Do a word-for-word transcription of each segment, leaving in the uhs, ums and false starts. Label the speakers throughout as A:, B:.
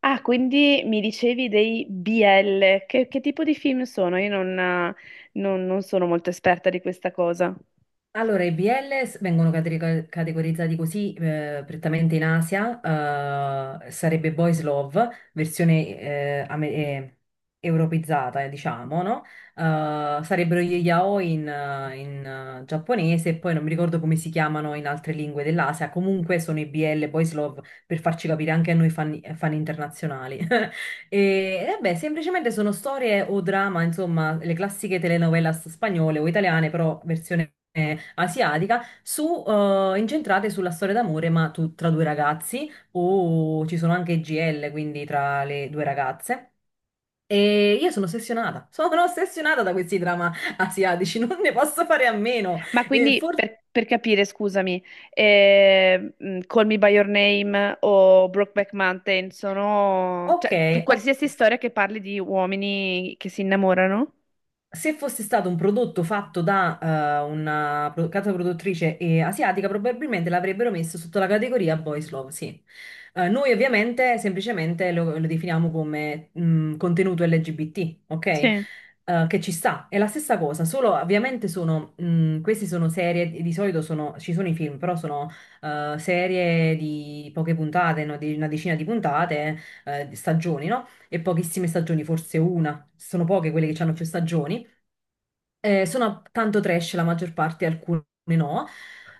A: Ah, quindi mi dicevi dei B L. Che, che tipo di film sono? Io non, eh, non- non sono molto esperta di questa cosa.
B: Allora, i B L vengono cateri- categorizzati così eh, prettamente in Asia, eh, sarebbe Boys Love, versione eh, ame- eh, europeizzata, eh, diciamo, no? Eh, sarebbero gli yaoi in, eh, in, eh, giapponese, e poi non mi ricordo come si chiamano in altre lingue dell'Asia, comunque sono i B L, Boys Love, per farci capire anche a noi fan, fan internazionali. E vabbè, semplicemente sono storie o drama, insomma, le classiche telenovelas spagnole o italiane, però versione eh, asiatica, su, eh, incentrate sulla storia d'amore, ma tu- tra due ragazzi, o ci sono anche G L, quindi tra le due ragazze. E io sono ossessionata, sono ossessionata da questi drama asiatici, non ne posso fare a meno.
A: Ma
B: E
A: quindi
B: for-
A: per, per capire, scusami, eh, mh, Call Me by Your Name o Brokeback Mountain sono...
B: ok,
A: cioè, tu-
B: ok.
A: qualsiasi storia che parli di uomini che si innamorano?
B: Se fosse stato un prodotto fatto da eh, una pro- casa produttrice eh, asiatica, probabilmente l'avrebbero messo sotto la categoria Boys Love, sì. Eh, noi ovviamente semplicemente lo, lo definiamo come mh, contenuto L G B T, ok?
A: Sì.
B: Eh, che ci sta. È la stessa cosa, solo ovviamente sono, mh, queste sono serie, di solito sono, ci sono i film, però sono eh, serie di poche puntate, no? Di una decina di puntate, eh, di stagioni, no? E pochissime stagioni, forse una. Sono poche quelle che hanno più stagioni. Eh, sono tanto trash la maggior parte, alcune no.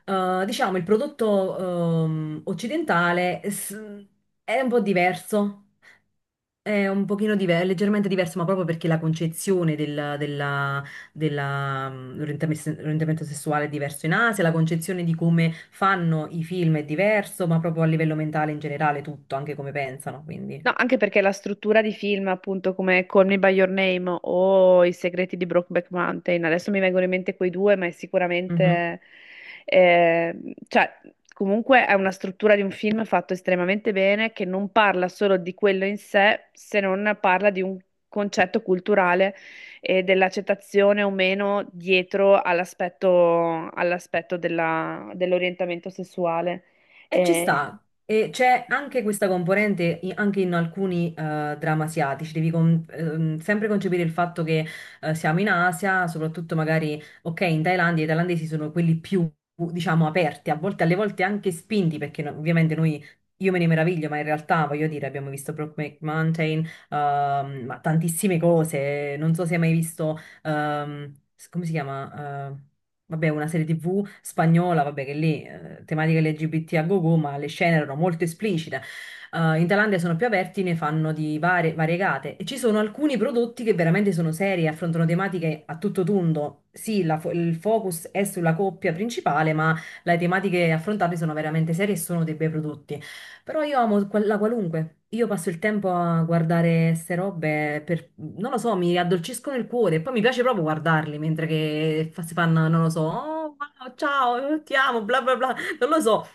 B: Eh, diciamo, il prodotto ehm, occidentale s- è un po' diverso, è un pochino diver- leggermente diverso, ma proprio perché la concezione del- della- della, mm, orientamento orientamento sessuale è diverso in Asia, la concezione di come fanno i film è diverso, ma proprio a livello mentale in generale tutto, anche come pensano,
A: No,
B: quindi.
A: anche perché la struttura di film, appunto, come Call Me by Your Name o I segreti di Brokeback Mountain, adesso mi vengono in mente quei due, ma è sicuramente, eh, cioè, comunque è una struttura di un film fatto estremamente bene, che non parla solo di quello in sé, se non parla di un concetto culturale e dell'accettazione o meno dietro all'aspetto all'aspetto della- dell'orientamento sessuale.
B: E ci
A: Eh,
B: sta, e c'è anche questa componente i- anche in alcuni eh, drammi asiatici, devi con- ehm, sempre concepire il fatto che eh, siamo in Asia, soprattutto magari, ok, in Thailandia i thailandesi sono quelli più, diciamo, aperti, a volte, alle volte anche spinti, perché no- ovviamente noi, io me ne meraviglio, ma in realtà, voglio dire, abbiamo visto Brokeback Mountain, ehm, ma tantissime cose, non so se hai mai visto, ehm, s- come si chiama? Eh, vabbè, una serie ti vu spagnola, vabbè, che lì eh, tematiche L G B T a go-go, ma le scene erano molto esplicite. Eh, in Thailandia sono più aperti, ne fanno di varie, variegate e ci sono alcuni prodotti che veramente sono seri, affrontano tematiche a tutto tondo. Sì, la fo- il focus è sulla coppia principale, ma le tematiche affrontate sono veramente serie e sono dei bei prodotti. Però io amo qual- la qualunque. Io passo il tempo a guardare queste robe per, non lo so, mi addolciscono il cuore e poi mi piace proprio guardarli mentre che fa- si fanno, non lo so, oh, wow, ciao, ti amo, bla bla bla. Non lo so.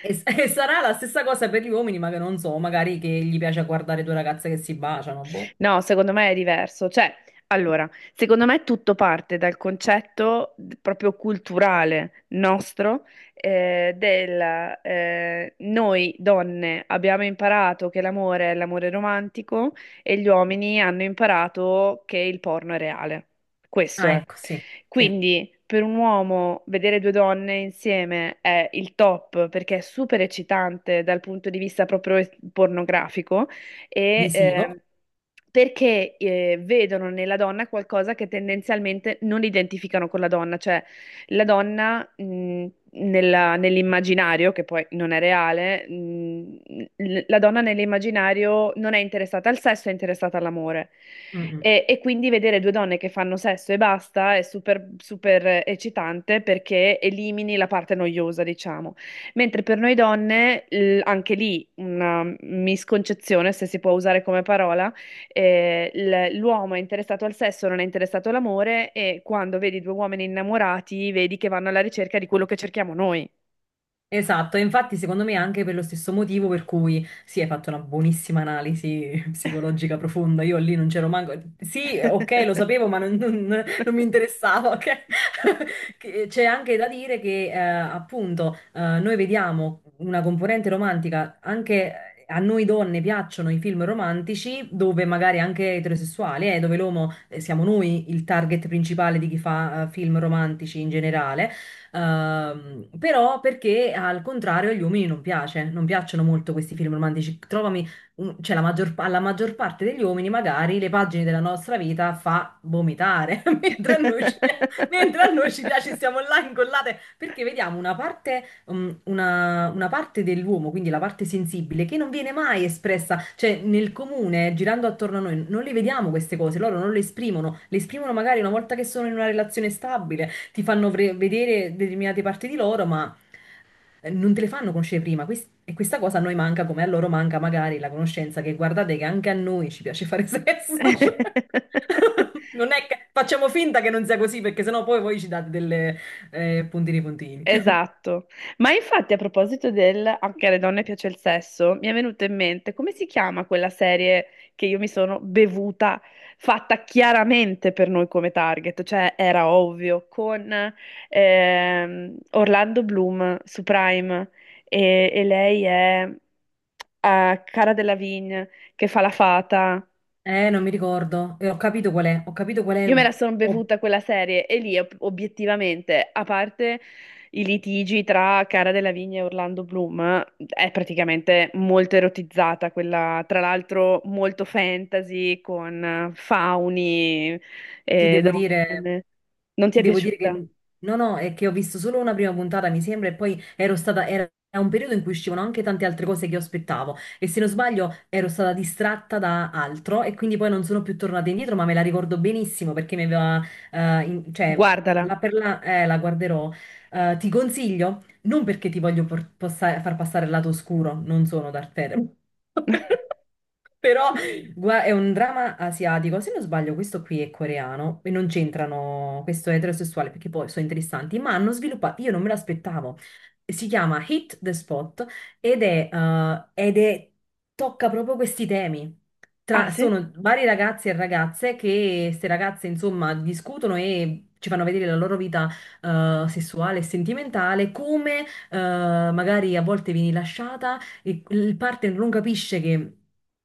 B: E, s- e sarà la stessa cosa per gli uomini, ma che non so, magari che gli piace guardare due ragazze che si baciano, boh.
A: No, secondo me è diverso. Cioè, allora, secondo me tutto parte dal concetto d- proprio culturale nostro eh, del eh, noi donne abbiamo imparato che l'amore è l'amore romantico e gli uomini hanno imparato che il porno è reale. Questo
B: Ah,
A: è.
B: ecco, sì, sì,
A: Quindi, per un uomo vedere due donne insieme è il top perché è super eccitante dal punto di vista proprio pornografico e
B: visivo.
A: ehm, perché eh, vedono nella donna qualcosa che tendenzialmente non identificano con la donna, cioè la donna mh, nella- nell'immaginario, che poi non è reale, mh, l- la donna nell'immaginario non è interessata al sesso, è interessata all'amore.
B: Mm, mm.
A: E, e quindi vedere due donne che fanno sesso e basta è super, super eccitante perché elimini la parte noiosa, diciamo. Mentre per noi donne, l- anche lì una misconcezione, se si può usare come parola, eh, l- l'uomo è interessato al sesso, non è interessato all'amore e quando vedi due uomini innamorati, vedi che vanno alla ricerca di quello che cerchiamo noi.
B: Esatto, e infatti secondo me anche per lo stesso motivo per cui sì, hai fatto una buonissima analisi psicologica profonda, io lì non c'ero manco, sì, ok, lo sapevo, ma non, non- non mi interessava, ok? Che- C'è anche da dire che eh, appunto eh, noi vediamo una componente romantica, anche a noi donne piacciono i film romantici dove magari anche eterosessuali, eh, dove l'uomo eh, siamo noi il target principale di chi fa eh, film romantici in generale. Ehm, però perché al contrario agli uomini non piace, non piacciono molto questi film romantici. Trovami, un- cioè la maggior, alla maggior parte degli uomini magari le pagine della nostra vita fa vomitare, mentre a noi ci, pia- mentre a noi ci piace, stiamo là incollate, perché vediamo una parte, um, una, una parte dell'uomo, quindi la parte sensibile, che non viene mai espressa, cioè nel comune, girando attorno a noi, non le vediamo queste cose, loro non le esprimono, le esprimono magari una volta che sono in una relazione stabile ti fanno vre- vedere determinate parti di loro, ma eh, non te le fanno conoscere prima. Quest- e questa cosa a noi manca, come a loro manca magari la conoscenza che guardate che anche a noi ci piace fare sesso. Cioè. Non è che facciamo finta che non sia così, perché sennò poi voi ci date delle eh, puntini puntini.
A: Esatto, ma infatti a proposito del anche alle donne piace il sesso, mi è venuto in mente come si chiama quella serie che io mi sono bevuta, fatta chiaramente per noi come target, cioè era ovvio, con ehm, Orlando Bloom su Prime e, e lei è eh, Cara Delevingne che fa la fata.
B: Eh, non mi ricordo. E ho capito qual è. Ho capito qual
A: Io
B: è.
A: me la sono
B: Ho-
A: bevuta quella serie e lì ob- obiettivamente, a parte i litigi tra Cara della Vigna e Orlando Bloom, è praticamente molto erotizzata quella, tra l'altro molto fantasy con eh, fauni
B: Ti
A: e
B: devo dire,
A: donne. Non ti
B: ti
A: è
B: devo dire che
A: piaciuta?
B: no, no, è che ho visto solo una prima puntata, mi sembra, e poi ero stata, era un periodo in cui uscivano anche tante altre cose che io aspettavo. E se non sbaglio, ero stata distratta da altro e quindi poi non sono più tornata indietro, ma me la ricordo benissimo perché mi aveva, eh, in- cioè,
A: Guardala.
B: la per la, eh, la guarderò. Eh, ti consiglio, non perché ti voglio por- possa- far passare il lato oscuro, non sono Darth Vader. Però Gua- è un dramma asiatico, se non sbaglio questo qui è coreano e non c'entrano, questo è eterosessuale perché poi sono interessanti, ma hanno sviluppato, io non me l'aspettavo, si chiama Hit the Spot ed è, eh, ed è- tocca proprio questi temi.
A: Ah
B: Tra-
A: sì?
B: sono vari ragazzi e ragazze, che queste ragazze insomma discutono e ci fanno vedere la loro vita eh, sessuale e sentimentale, come eh, magari a volte vieni lasciata, il, il partner non capisce che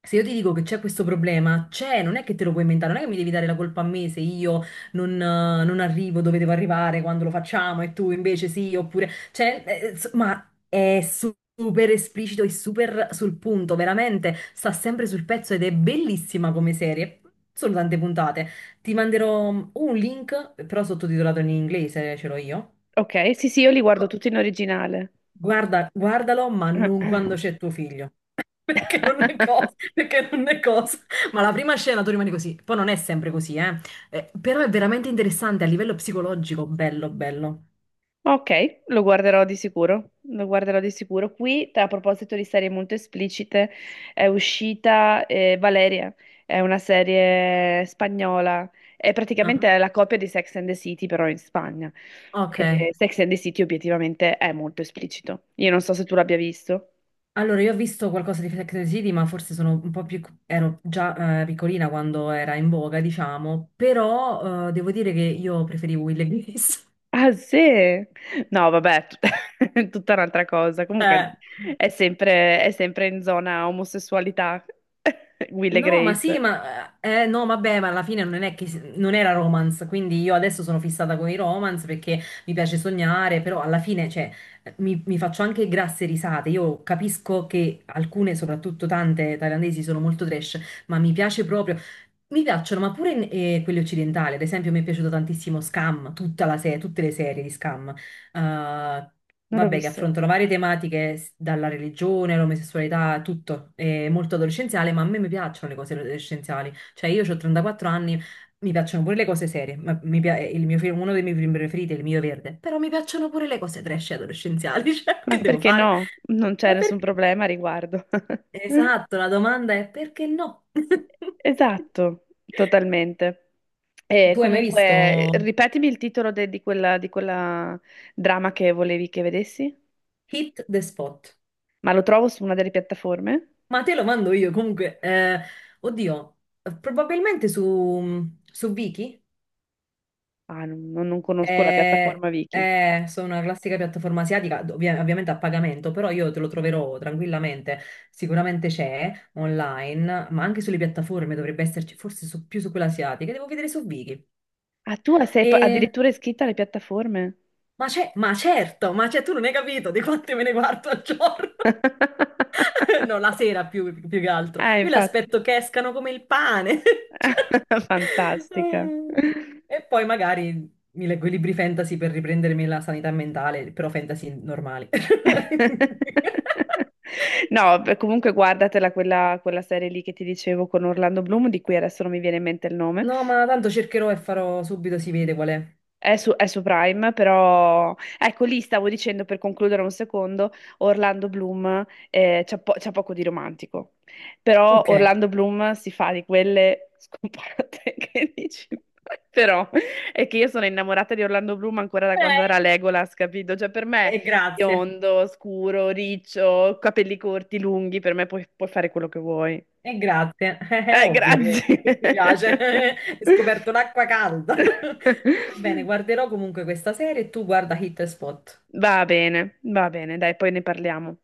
B: se io ti dico che c'è questo problema, c'è, non è che te lo puoi inventare, non è che mi devi dare la colpa a me se io non, eh, non arrivo dove devo arrivare quando lo facciamo e tu invece sì, oppure... Cioè, eh, ins- ma è su- super esplicito e super sul punto, veramente, sta sempre sul pezzo ed è bellissima come serie. Sono tante puntate. Ti manderò un link, però sottotitolato in inglese, ce l'ho io.
A: Ok, sì sì, io li guardo
B: Co-
A: tutti in originale.
B: Guarda, guardalo, ma non quando c'è tuo figlio. Perché non è cosa, perché non è cosa. Ma la prima scena tu rimani così, poi non è sempre così, eh. Eh, però è veramente interessante a livello psicologico, bello, bello.
A: Ok, lo guarderò di sicuro, lo guarderò di sicuro. Qui, a proposito di serie molto esplicite, è uscita eh, Valeria, è una serie spagnola, è
B: Ah,
A: praticamente la copia di Sex and the City, però in Spagna.
B: ok.
A: E Sex and the City obiettivamente è molto esplicito. Io non so se tu l'abbia visto.
B: Allora, io ho visto qualcosa di Sex and the City, ma forse sono un po' più... ero già eh, piccolina quando era in voga, diciamo, però eh, devo dire che io preferivo Will e Grace.
A: Ah, sì? No, vabbè, tut- è tutta un'altra cosa. Comunque
B: Eh.
A: è sempre, è sempre in zona omosessualità, Will e
B: No, ma sì,
A: Grace.
B: ma eh, eh, no, vabbè, ma alla fine non è che non era romance, quindi io adesso sono fissata con i romance perché mi piace sognare, però alla fine, cioè, eh, mi, mi faccio anche grasse risate. Io capisco che alcune, soprattutto tante thailandesi, sono molto trash, ma mi piace proprio. Mi piacciono, ma pure eh, quelle occidentali, ad esempio, mi è piaciuto tantissimo Scam, tutta la se- tutte le serie di Scam eh,
A: Non l'ho
B: vabbè, che
A: visto.
B: affrontano varie tematiche, s- dalla religione all'omosessualità, a tutto. È molto adolescenziale, ma a me mi piacciono le cose adolescenziali. Cioè, io ho trentaquattro anni, mi piacciono pure le cose serie. Ma mi pia- il mio film- uno dei miei film preferiti è Il mio verde. Però mi piacciono pure le cose trash adolescenziali. Cioè,
A: Ma
B: che devo
A: perché
B: fare?
A: no? Non c'è
B: Ma
A: nessun
B: perché?
A: problema a riguardo.
B: Esatto, la domanda è perché no?
A: Esatto, totalmente. E
B: Tu hai mai visto
A: comunque, ripetimi il titolo de- di quella, di quella drama che volevi che vedessi?
B: Hit the Spot?
A: Ma lo trovo su una delle piattaforme?
B: Ma te lo mando io comunque. Eh, oddio, probabilmente su, su Viki.
A: Ah, non, non- non conosco la
B: Eh,
A: piattaforma Viki.
B: eh, sono una classica piattaforma asiatica, ovvia- ovviamente a pagamento, però io te lo troverò tranquillamente. Sicuramente c'è online, ma anche sulle piattaforme dovrebbe esserci, forse su- più su quella asiatica. Devo vedere su Viki.
A: Ah, tu sei pa-
B: E-
A: addirittura iscritta alle piattaforme?
B: ma c'è, ma certo, ma c'è, tu non hai capito di quante me ne guardo al giorno. No, la sera più, più che altro.
A: Ah,
B: Io le
A: infatti.
B: aspetto che escano come il pane. Cioè,
A: Fantastica.
B: mm. E poi magari mi leggo i libri fantasy per riprendermi la sanità mentale, però fantasy normali.
A: No, beh, comunque guardatela quella, quella serie lì che ti dicevo con Orlando Bloom, di cui adesso non mi viene in mente il nome.
B: No, ma tanto cercherò e farò subito, si vede qual è.
A: È su, è su Prime, però ecco lì stavo dicendo per concludere un secondo, Orlando Bloom eh, c'ha po- c'ha poco di romantico, però
B: Ok. Eh,
A: Orlando Bloom si fa di quelle scopate che dici, però è che io sono innamorata di Orlando Bloom ancora da quando era Legolas, capito? Cioè per me
B: e grazie.
A: biondo, scuro, riccio, capelli corti, lunghi, per me puoi, puoi fare quello che vuoi.
B: E grazie. È
A: Eh,
B: ovvio che che ti piace.
A: grazie.
B: Hai scoperto l'acqua calda. Va bene, guarderò comunque questa serie e tu guarda Hit e Spot.
A: Va bene, va bene, dai, poi ne parliamo.